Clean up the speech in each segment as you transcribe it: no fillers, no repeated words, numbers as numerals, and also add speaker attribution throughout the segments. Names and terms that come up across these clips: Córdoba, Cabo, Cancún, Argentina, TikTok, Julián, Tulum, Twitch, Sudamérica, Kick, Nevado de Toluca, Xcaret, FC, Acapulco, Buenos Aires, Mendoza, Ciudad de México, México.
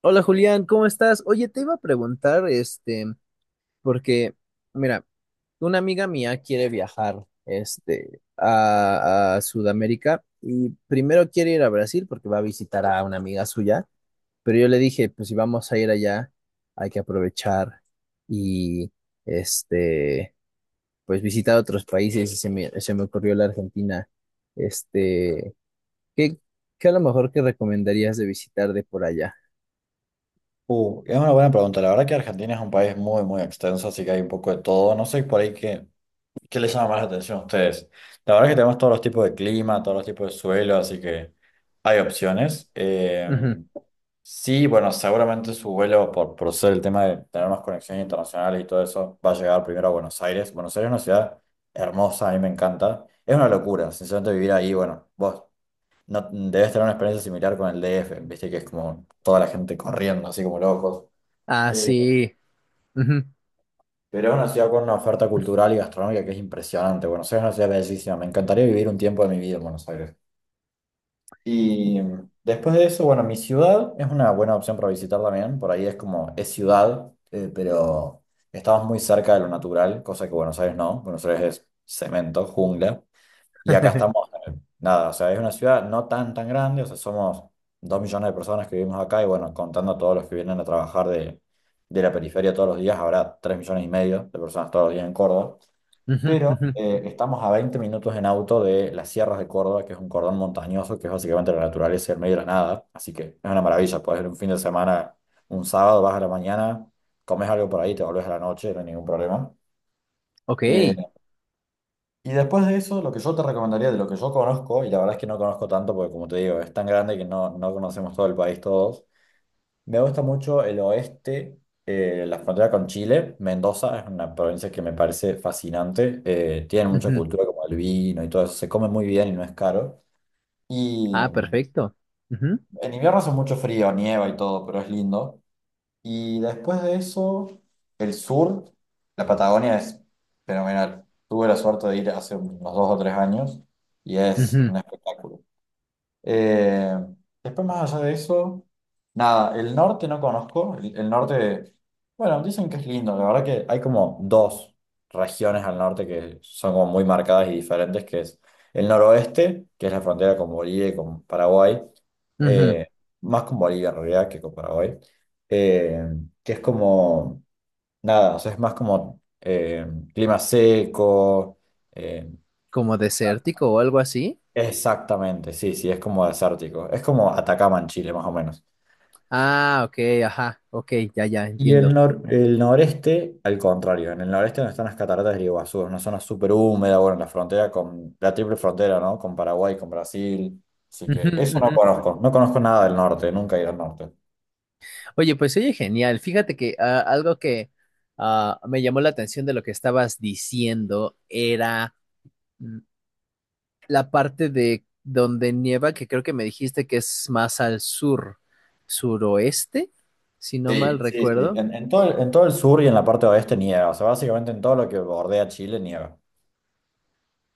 Speaker 1: Hola Julián, ¿cómo estás? Oye, te iba a preguntar, porque, mira, una amiga mía quiere viajar, a Sudamérica y primero quiere ir a Brasil porque va a visitar a una amiga suya, pero yo le dije, pues si vamos a ir allá, hay que aprovechar y, este, pues visitar otros países y se me ocurrió la Argentina. Este, ¿qué, qué a lo mejor que recomendarías de visitar de por allá?
Speaker 2: Es una buena pregunta. La verdad que Argentina es un país muy, muy extenso, así que hay un poco de todo. No sé por ahí qué les llama más la atención a ustedes. La verdad que tenemos todos los tipos de clima, todos los tipos de suelo, así que hay opciones.
Speaker 1: Ujú.
Speaker 2: Sí, bueno, seguramente su vuelo, por ser el tema de tener más conexiones internacionales y todo eso, va a llegar primero a Buenos Aires. Buenos Aires es una ciudad hermosa, a mí me encanta. Es una locura, sinceramente, vivir ahí. Bueno, vos no, debes tener una experiencia similar con el DF, viste que es como toda la gente corriendo, así como locos.
Speaker 1: Ah,
Speaker 2: Eh,
Speaker 1: sí. Ujú.
Speaker 2: pero es una ciudad con una oferta cultural y gastronómica que es impresionante. Buenos Aires es una ciudad bellísima. Me encantaría vivir un tiempo de mi vida en Buenos Aires. Y después de eso, bueno, mi ciudad es una buena opción para visitar también. Por ahí es como, es ciudad, pero estamos muy cerca de lo natural, cosa que Buenos Aires no. Buenos Aires es cemento, jungla. Y acá estamos, nada, o sea, es una ciudad no tan, tan grande, o sea, somos 2 millones de personas que vivimos acá y bueno, contando a todos los que vienen a trabajar de la periferia todos los días, habrá 3,5 millones de personas todos los días en Córdoba.
Speaker 1: Ujú,
Speaker 2: Pero
Speaker 1: ujú.
Speaker 2: estamos a 20 minutos en auto de las sierras de Córdoba, que es un cordón montañoso, que es básicamente la naturaleza y el medio de la nada. Así que es una maravilla, puedes ir un fin de semana, un sábado, vas a la mañana, comes algo por ahí, te volvés a la noche, no hay ningún problema.
Speaker 1: Ok.
Speaker 2: Eh, y después de eso, lo que yo te recomendaría de lo que yo conozco, y la verdad es que no conozco tanto porque como te digo, es tan grande que no, no conocemos todo el país todos, me gusta mucho el oeste, la frontera con Chile, Mendoza es una provincia que me parece fascinante, tiene mucha
Speaker 1: Ujú.
Speaker 2: cultura como el vino y todo eso, se come muy bien y no es caro. Y
Speaker 1: Ah, perfecto. Ujú,
Speaker 2: en invierno hace mucho frío, nieva y todo, pero es lindo. Y después de eso, el sur, la Patagonia es fenomenal. Tuve la suerte de ir hace unos 2 o 3 años y es
Speaker 1: ujú,
Speaker 2: un espectáculo. Eh, Después, más allá de eso, nada, el norte no conozco. El norte, bueno, dicen que es lindo. La verdad que hay como dos regiones al norte que son como muy marcadas y diferentes, que es el noroeste, que es la frontera con Bolivia y con Paraguay,
Speaker 1: ujú.
Speaker 2: eh, más con Bolivia en realidad que con Paraguay, eh, que es como, nada, o sea, es más como clima seco, eh,
Speaker 1: Como desértico o algo así.
Speaker 2: exactamente, sí, sí, es como desértico. Es como Atacama en Chile, más o menos.
Speaker 1: Ah, ok, ajá, ok, ya, ya,
Speaker 2: Y el,
Speaker 1: entiendo.
Speaker 2: nor- el noreste, al contrario, en el noreste donde están las cataratas del Iguazú, es una zona súper húmeda, bueno, en la frontera con la triple frontera, ¿no? Con Paraguay, con Brasil. Así
Speaker 1: Ujú,
Speaker 2: que eso no
Speaker 1: ujú.
Speaker 2: conozco, no conozco nada del norte, nunca he ido al norte.
Speaker 1: Oye, pues oye, genial. Fíjate que algo que me llamó la atención de lo que estabas diciendo era mm, la parte de donde nieva, que creo que me dijiste que es más al sur, suroeste, si no mal
Speaker 2: Sí, sí, sí.
Speaker 1: recuerdo.
Speaker 2: En todo, en todo el sur y en la parte oeste nieva, o sea, básicamente en todo lo que bordea Chile nieva.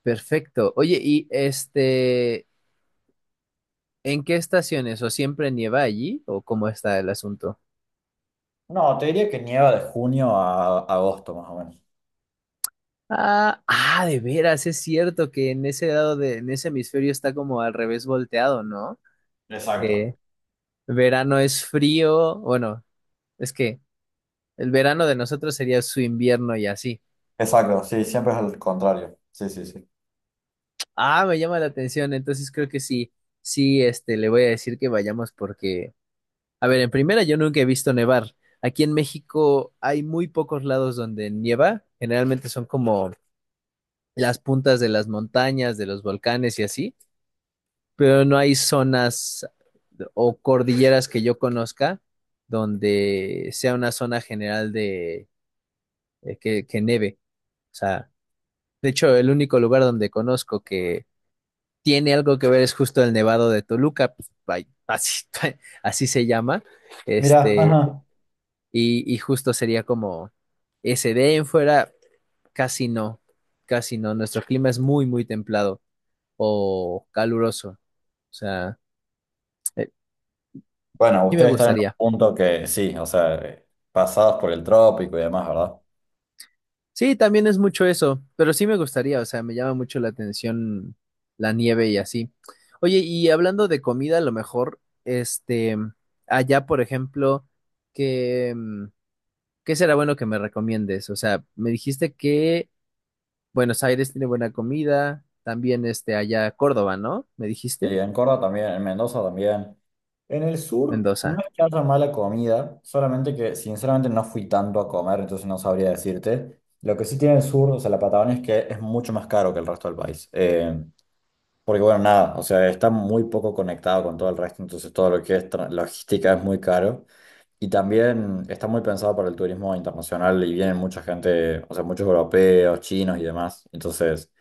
Speaker 1: Perfecto. Oye, y ¿en qué estaciones? ¿O siempre nieva allí? ¿O cómo está el asunto?
Speaker 2: No, te diría que nieva de junio a agosto, más o menos.
Speaker 1: Ah, ah, de veras, es cierto que en ese lado en ese hemisferio está como al revés volteado, ¿no?
Speaker 2: Exacto.
Speaker 1: Que verano es frío, bueno, es que el verano de nosotros sería su invierno y así.
Speaker 2: Exacto, sí, siempre es al contrario. Sí, sí, sí.
Speaker 1: Ah, me llama la atención, entonces creo que sí, sí, le voy a decir que vayamos porque a ver, en primera yo nunca he visto nevar. Aquí en México hay muy pocos lados donde nieva. Generalmente son como las puntas de las montañas, de los volcanes y así, pero no hay zonas o cordilleras que yo conozca donde sea una zona general de que neve. O sea, de hecho, el único lugar donde conozco que tiene algo que ver es justo el Nevado de Toluca, pues, ay, así, así se llama.
Speaker 2: Mirá,
Speaker 1: Este,
Speaker 2: ajá.
Speaker 1: y justo sería como ese de ahí en fuera, casi no, casi no. Nuestro clima es muy, muy templado o caluroso. O sea, eh,
Speaker 2: Bueno,
Speaker 1: sí me
Speaker 2: ustedes están en un
Speaker 1: gustaría.
Speaker 2: punto que sí, o sea, pasados por el trópico y demás, ¿verdad?
Speaker 1: Sí, también es mucho eso, pero sí me gustaría. O sea, me llama mucho la atención la nieve y así. Oye, y hablando de comida, a lo mejor, allá, por ejemplo, qué mm, ¿qué será bueno que me recomiendes? O sea, me dijiste que Buenos Aires tiene buena comida, también allá Córdoba, ¿no? ¿Me dijiste?
Speaker 2: Sí, en Córdoba también, en Mendoza también. En el sur no
Speaker 1: Mendoza.
Speaker 2: es que haya mala comida, solamente que sinceramente no fui tanto a comer, entonces no sabría decirte. Lo que sí tiene el sur, o sea, la Patagonia es que es mucho más caro que el resto del país. Porque bueno, nada, o sea, está muy poco conectado con todo el resto, entonces todo lo que es logística es muy caro. Y también está muy pensado para el turismo internacional y vienen mucha gente, o sea, muchos europeos, chinos y demás. Entonces,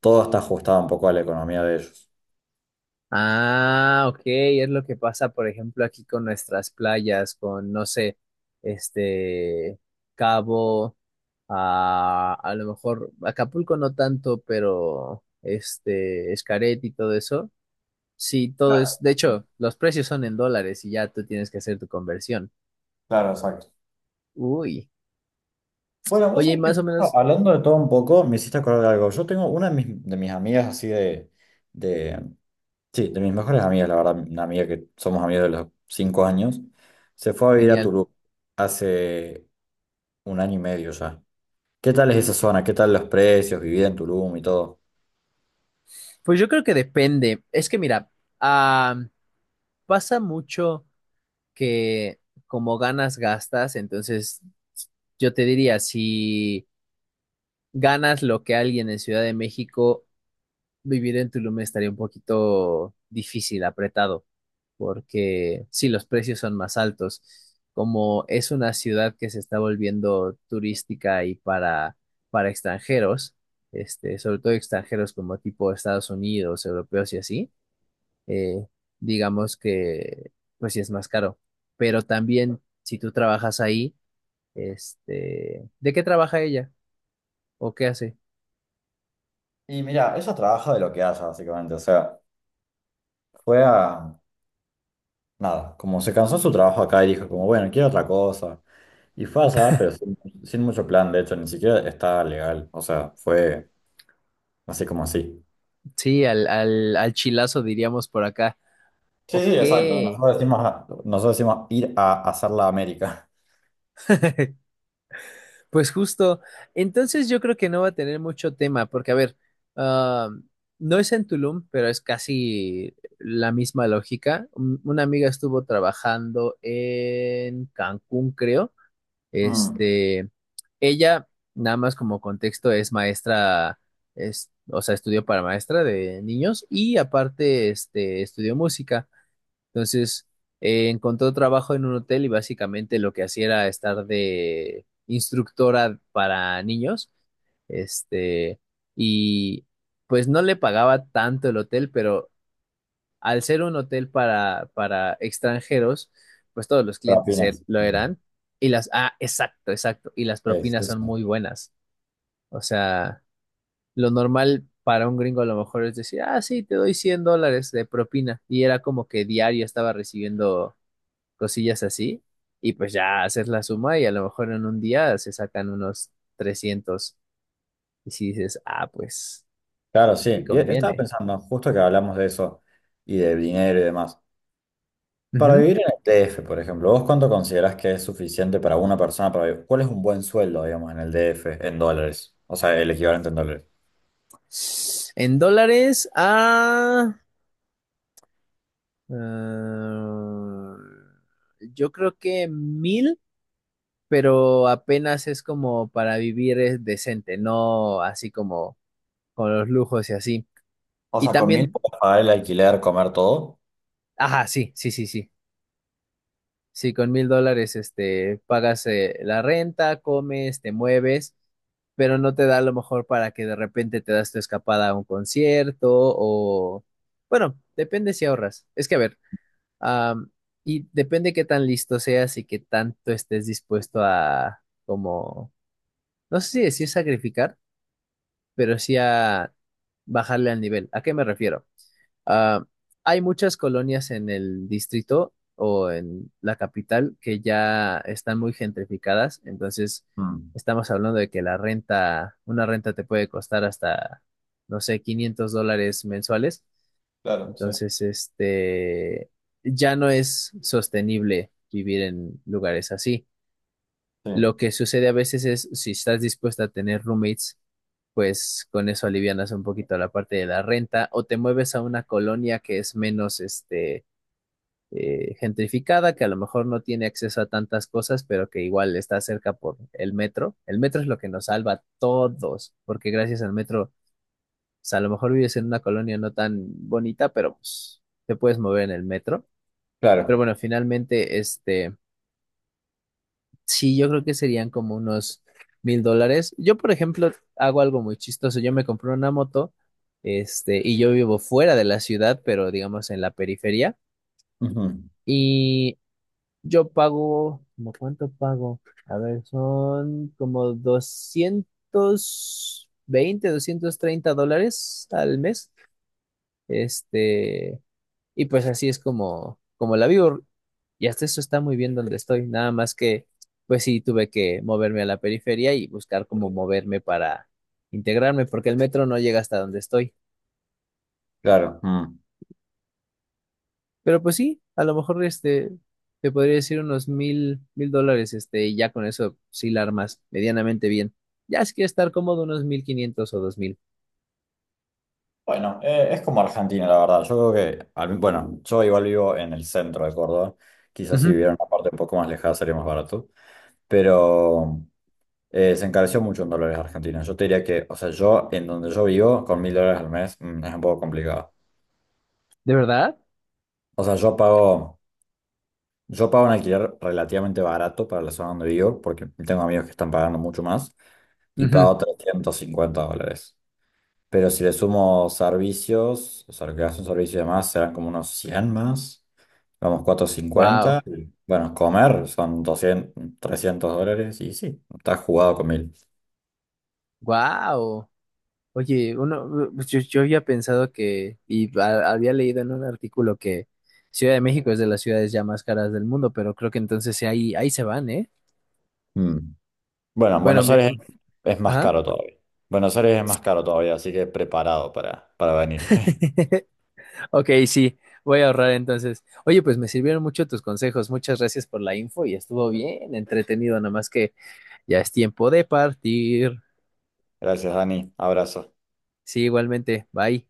Speaker 2: todo está ajustado un poco a la economía de ellos.
Speaker 1: Ah, ok, es lo que pasa, por ejemplo, aquí con nuestras playas, con, no sé, este, Cabo, a lo mejor Acapulco no tanto, pero Xcaret y todo eso. Sí, todo
Speaker 2: Claro,
Speaker 1: es, de hecho, los precios son en dólares y ya tú tienes que hacer tu conversión.
Speaker 2: claro, exacto.
Speaker 1: Uy,
Speaker 2: Bueno, vos
Speaker 1: oye, y
Speaker 2: sabés que
Speaker 1: más o
Speaker 2: justo
Speaker 1: menos,
Speaker 2: hablando de todo un poco, me hiciste acordar de algo. Yo tengo una de mis amigas así de, sí, de mis mejores amigas, la verdad, una amiga que somos amigos de los 5 años, se fue a vivir a
Speaker 1: genial.
Speaker 2: Tulum hace un año y medio ya. ¿Qué tal es esa zona? ¿Qué tal los precios, vivir en Tulum y todo?
Speaker 1: Pues yo creo que depende. Es que mira, ah, pasa mucho que como ganas, gastas. Entonces, yo te diría, si ganas lo que alguien en Ciudad de México, vivir en Tulum estaría un poquito difícil, apretado, porque sí, los precios son más altos. Como es una ciudad que se está volviendo turística y para extranjeros, sobre todo extranjeros como tipo Estados Unidos, europeos y así eh, digamos que pues sí es más caro. Pero también si tú trabajas ahí, ¿de qué trabaja ella? ¿O qué hace?
Speaker 2: Y mira, ella trabaja de lo que haya, básicamente. O sea, fue a... Nada, como se cansó su trabajo acá y dijo como, bueno, quiero otra cosa. Y fue allá, pero sin mucho plan, de hecho, ni siquiera estaba legal. O sea, fue así como así.
Speaker 1: Sí, al chilazo diríamos por acá.
Speaker 2: Sí, sí,
Speaker 1: Ok,
Speaker 2: exacto. Nosotros decimos, nosotros decimos ir a hacer la América.
Speaker 1: pues justo. Entonces yo creo que no va a tener mucho tema, porque a ver, ah, no es en Tulum, pero es casi la misma lógica. Una amiga estuvo trabajando en Cancún, creo.
Speaker 2: Mm.
Speaker 1: Este, ella, nada más como contexto, es maestra, es, o sea, estudió para maestra de niños y aparte, estudió música. Entonces, encontró trabajo en un hotel y básicamente lo que hacía era estar de instructora para niños, este, y pues no le pagaba tanto el hotel, pero al ser un hotel para extranjeros, pues todos los clientes
Speaker 2: Propinas.
Speaker 1: lo
Speaker 2: Mm.
Speaker 1: eran. Ah, exacto, exacto. Y las
Speaker 2: Sí, sí,
Speaker 1: propinas son
Speaker 2: sí.
Speaker 1: muy buenas. O sea, lo normal para un gringo a lo mejor es decir, ah, sí, te doy $100 de propina. Y era como que diario estaba recibiendo cosillas así. Y pues ya haces la suma y a lo mejor en un día se sacan unos 300. Y si dices, pues
Speaker 2: Claro,
Speaker 1: sí
Speaker 2: sí. Y estaba
Speaker 1: conviene.
Speaker 2: pensando, justo que hablamos de eso y de dinero y demás. Para
Speaker 1: Ujú.
Speaker 2: vivir en el DF, por ejemplo, ¿vos cuánto considerás que es suficiente para una persona para vivir? ¿Cuál es un buen sueldo, digamos, en el DF, en dólares? O sea, el equivalente en dólares.
Speaker 1: En dólares, ah. Ah, yo creo que 1,000, pero apenas es como para vivir es decente, no así como con los lujos y así.
Speaker 2: O
Speaker 1: Y
Speaker 2: sea, con mil
Speaker 1: también,
Speaker 2: puedes pagar el alquiler, comer todo.
Speaker 1: ajá, sí, sí, sí, sí. Sí, con $1,000, pagas la renta, comes, te mueves, pero no te da a lo mejor para que de repente te das tu escapada a un concierto o, bueno, depende si ahorras. Es que a ver. Am, y depende qué tan listo seas y qué tanto estés dispuesto a, como, no sé si decir sacrificar, pero sí a bajarle al nivel. ¿A qué me refiero? Ah, hay muchas colonias en el distrito o en la capital que ya están muy gentrificadas, entonces
Speaker 2: Mm,
Speaker 1: estamos hablando de que una renta te puede costar hasta, no sé, $500 mensuales.
Speaker 2: claro, sí,
Speaker 1: Entonces, ya no es sostenible vivir en lugares así.
Speaker 2: sí.
Speaker 1: Lo que sucede a veces es, si estás dispuesta a tener roommates, pues con eso alivianas un poquito la parte de la renta o te mueves a una colonia que es menos, gentrificada, que a lo mejor no tiene acceso a tantas cosas, pero que igual está cerca por el metro. El metro es lo que nos salva a todos, porque gracias al metro o sea, a lo mejor vives en una colonia no tan bonita, pero pues te puedes mover en el metro. Pero
Speaker 2: Claro.
Speaker 1: bueno, finalmente, sí, yo creo que serían como unos $1,000. Yo, por ejemplo, hago algo muy chistoso. Yo me compré una moto, y yo vivo fuera de la ciudad, pero digamos en la periferia.
Speaker 2: Ujú,
Speaker 1: Y yo pago, ¿cómo cuánto pago? A ver, son como 220 $230 al mes. Este, Y pues así es como la vivo. Y hasta eso está muy bien donde estoy. Nada más que, pues sí, tuve que moverme a la periferia y buscar cómo moverme para integrarme, porque el metro no llega hasta donde estoy.
Speaker 2: claro. Mm.
Speaker 1: Pero pues sí, a lo mejor te podría decir unos $1,000, y ya con eso sí la armas medianamente bien. Ya si quieres estar cómodo, unos 1,500 o 2,000.
Speaker 2: Bueno, es como Argentina, la verdad. Yo creo que, bueno, yo igual vivo en el centro de Córdoba. Quizás si
Speaker 1: Ujú.
Speaker 2: viviera en una parte un poco más lejana sería más barato. Pero. Se encareció mucho en dólares argentinos. Yo te diría que, o sea, yo en donde yo vivo, con 1.000 dólares al mes, es un poco complicado.
Speaker 1: ¿De verdad?
Speaker 2: O sea, yo pago un alquiler relativamente barato para la zona donde vivo, porque tengo amigos que están pagando mucho más, y
Speaker 1: Ujú.
Speaker 2: pago 350 dólares. Pero si le sumo servicios, o sea, lo que hace un servicio y demás, serán como unos 100 más, vamos,
Speaker 1: Wow,
Speaker 2: 450. Y, bueno, comer son 200, 300 dólares, y sí, está jugado con
Speaker 1: wow. Oye, uno, pues, yo había pensado que, y había leído en un artículo que Ciudad de México es de las ciudades ya más caras del mundo, pero creo que entonces sí, ahí, ahí se van, ¿eh?
Speaker 2: 1.000. Bueno, en
Speaker 1: Bueno,
Speaker 2: Buenos Aires es más
Speaker 1: ajá.
Speaker 2: caro todavía. Buenos Aires es más caro todavía, así que preparado para venir.
Speaker 1: Ok, sí, voy a ahorrar entonces. Oye, pues me sirvieron mucho tus consejos. Muchas gracias por la info y estuvo bien entretenido, nada más que ya es tiempo de partir.
Speaker 2: Gracias, Dani. Abrazo.
Speaker 1: Sí, igualmente. Bye.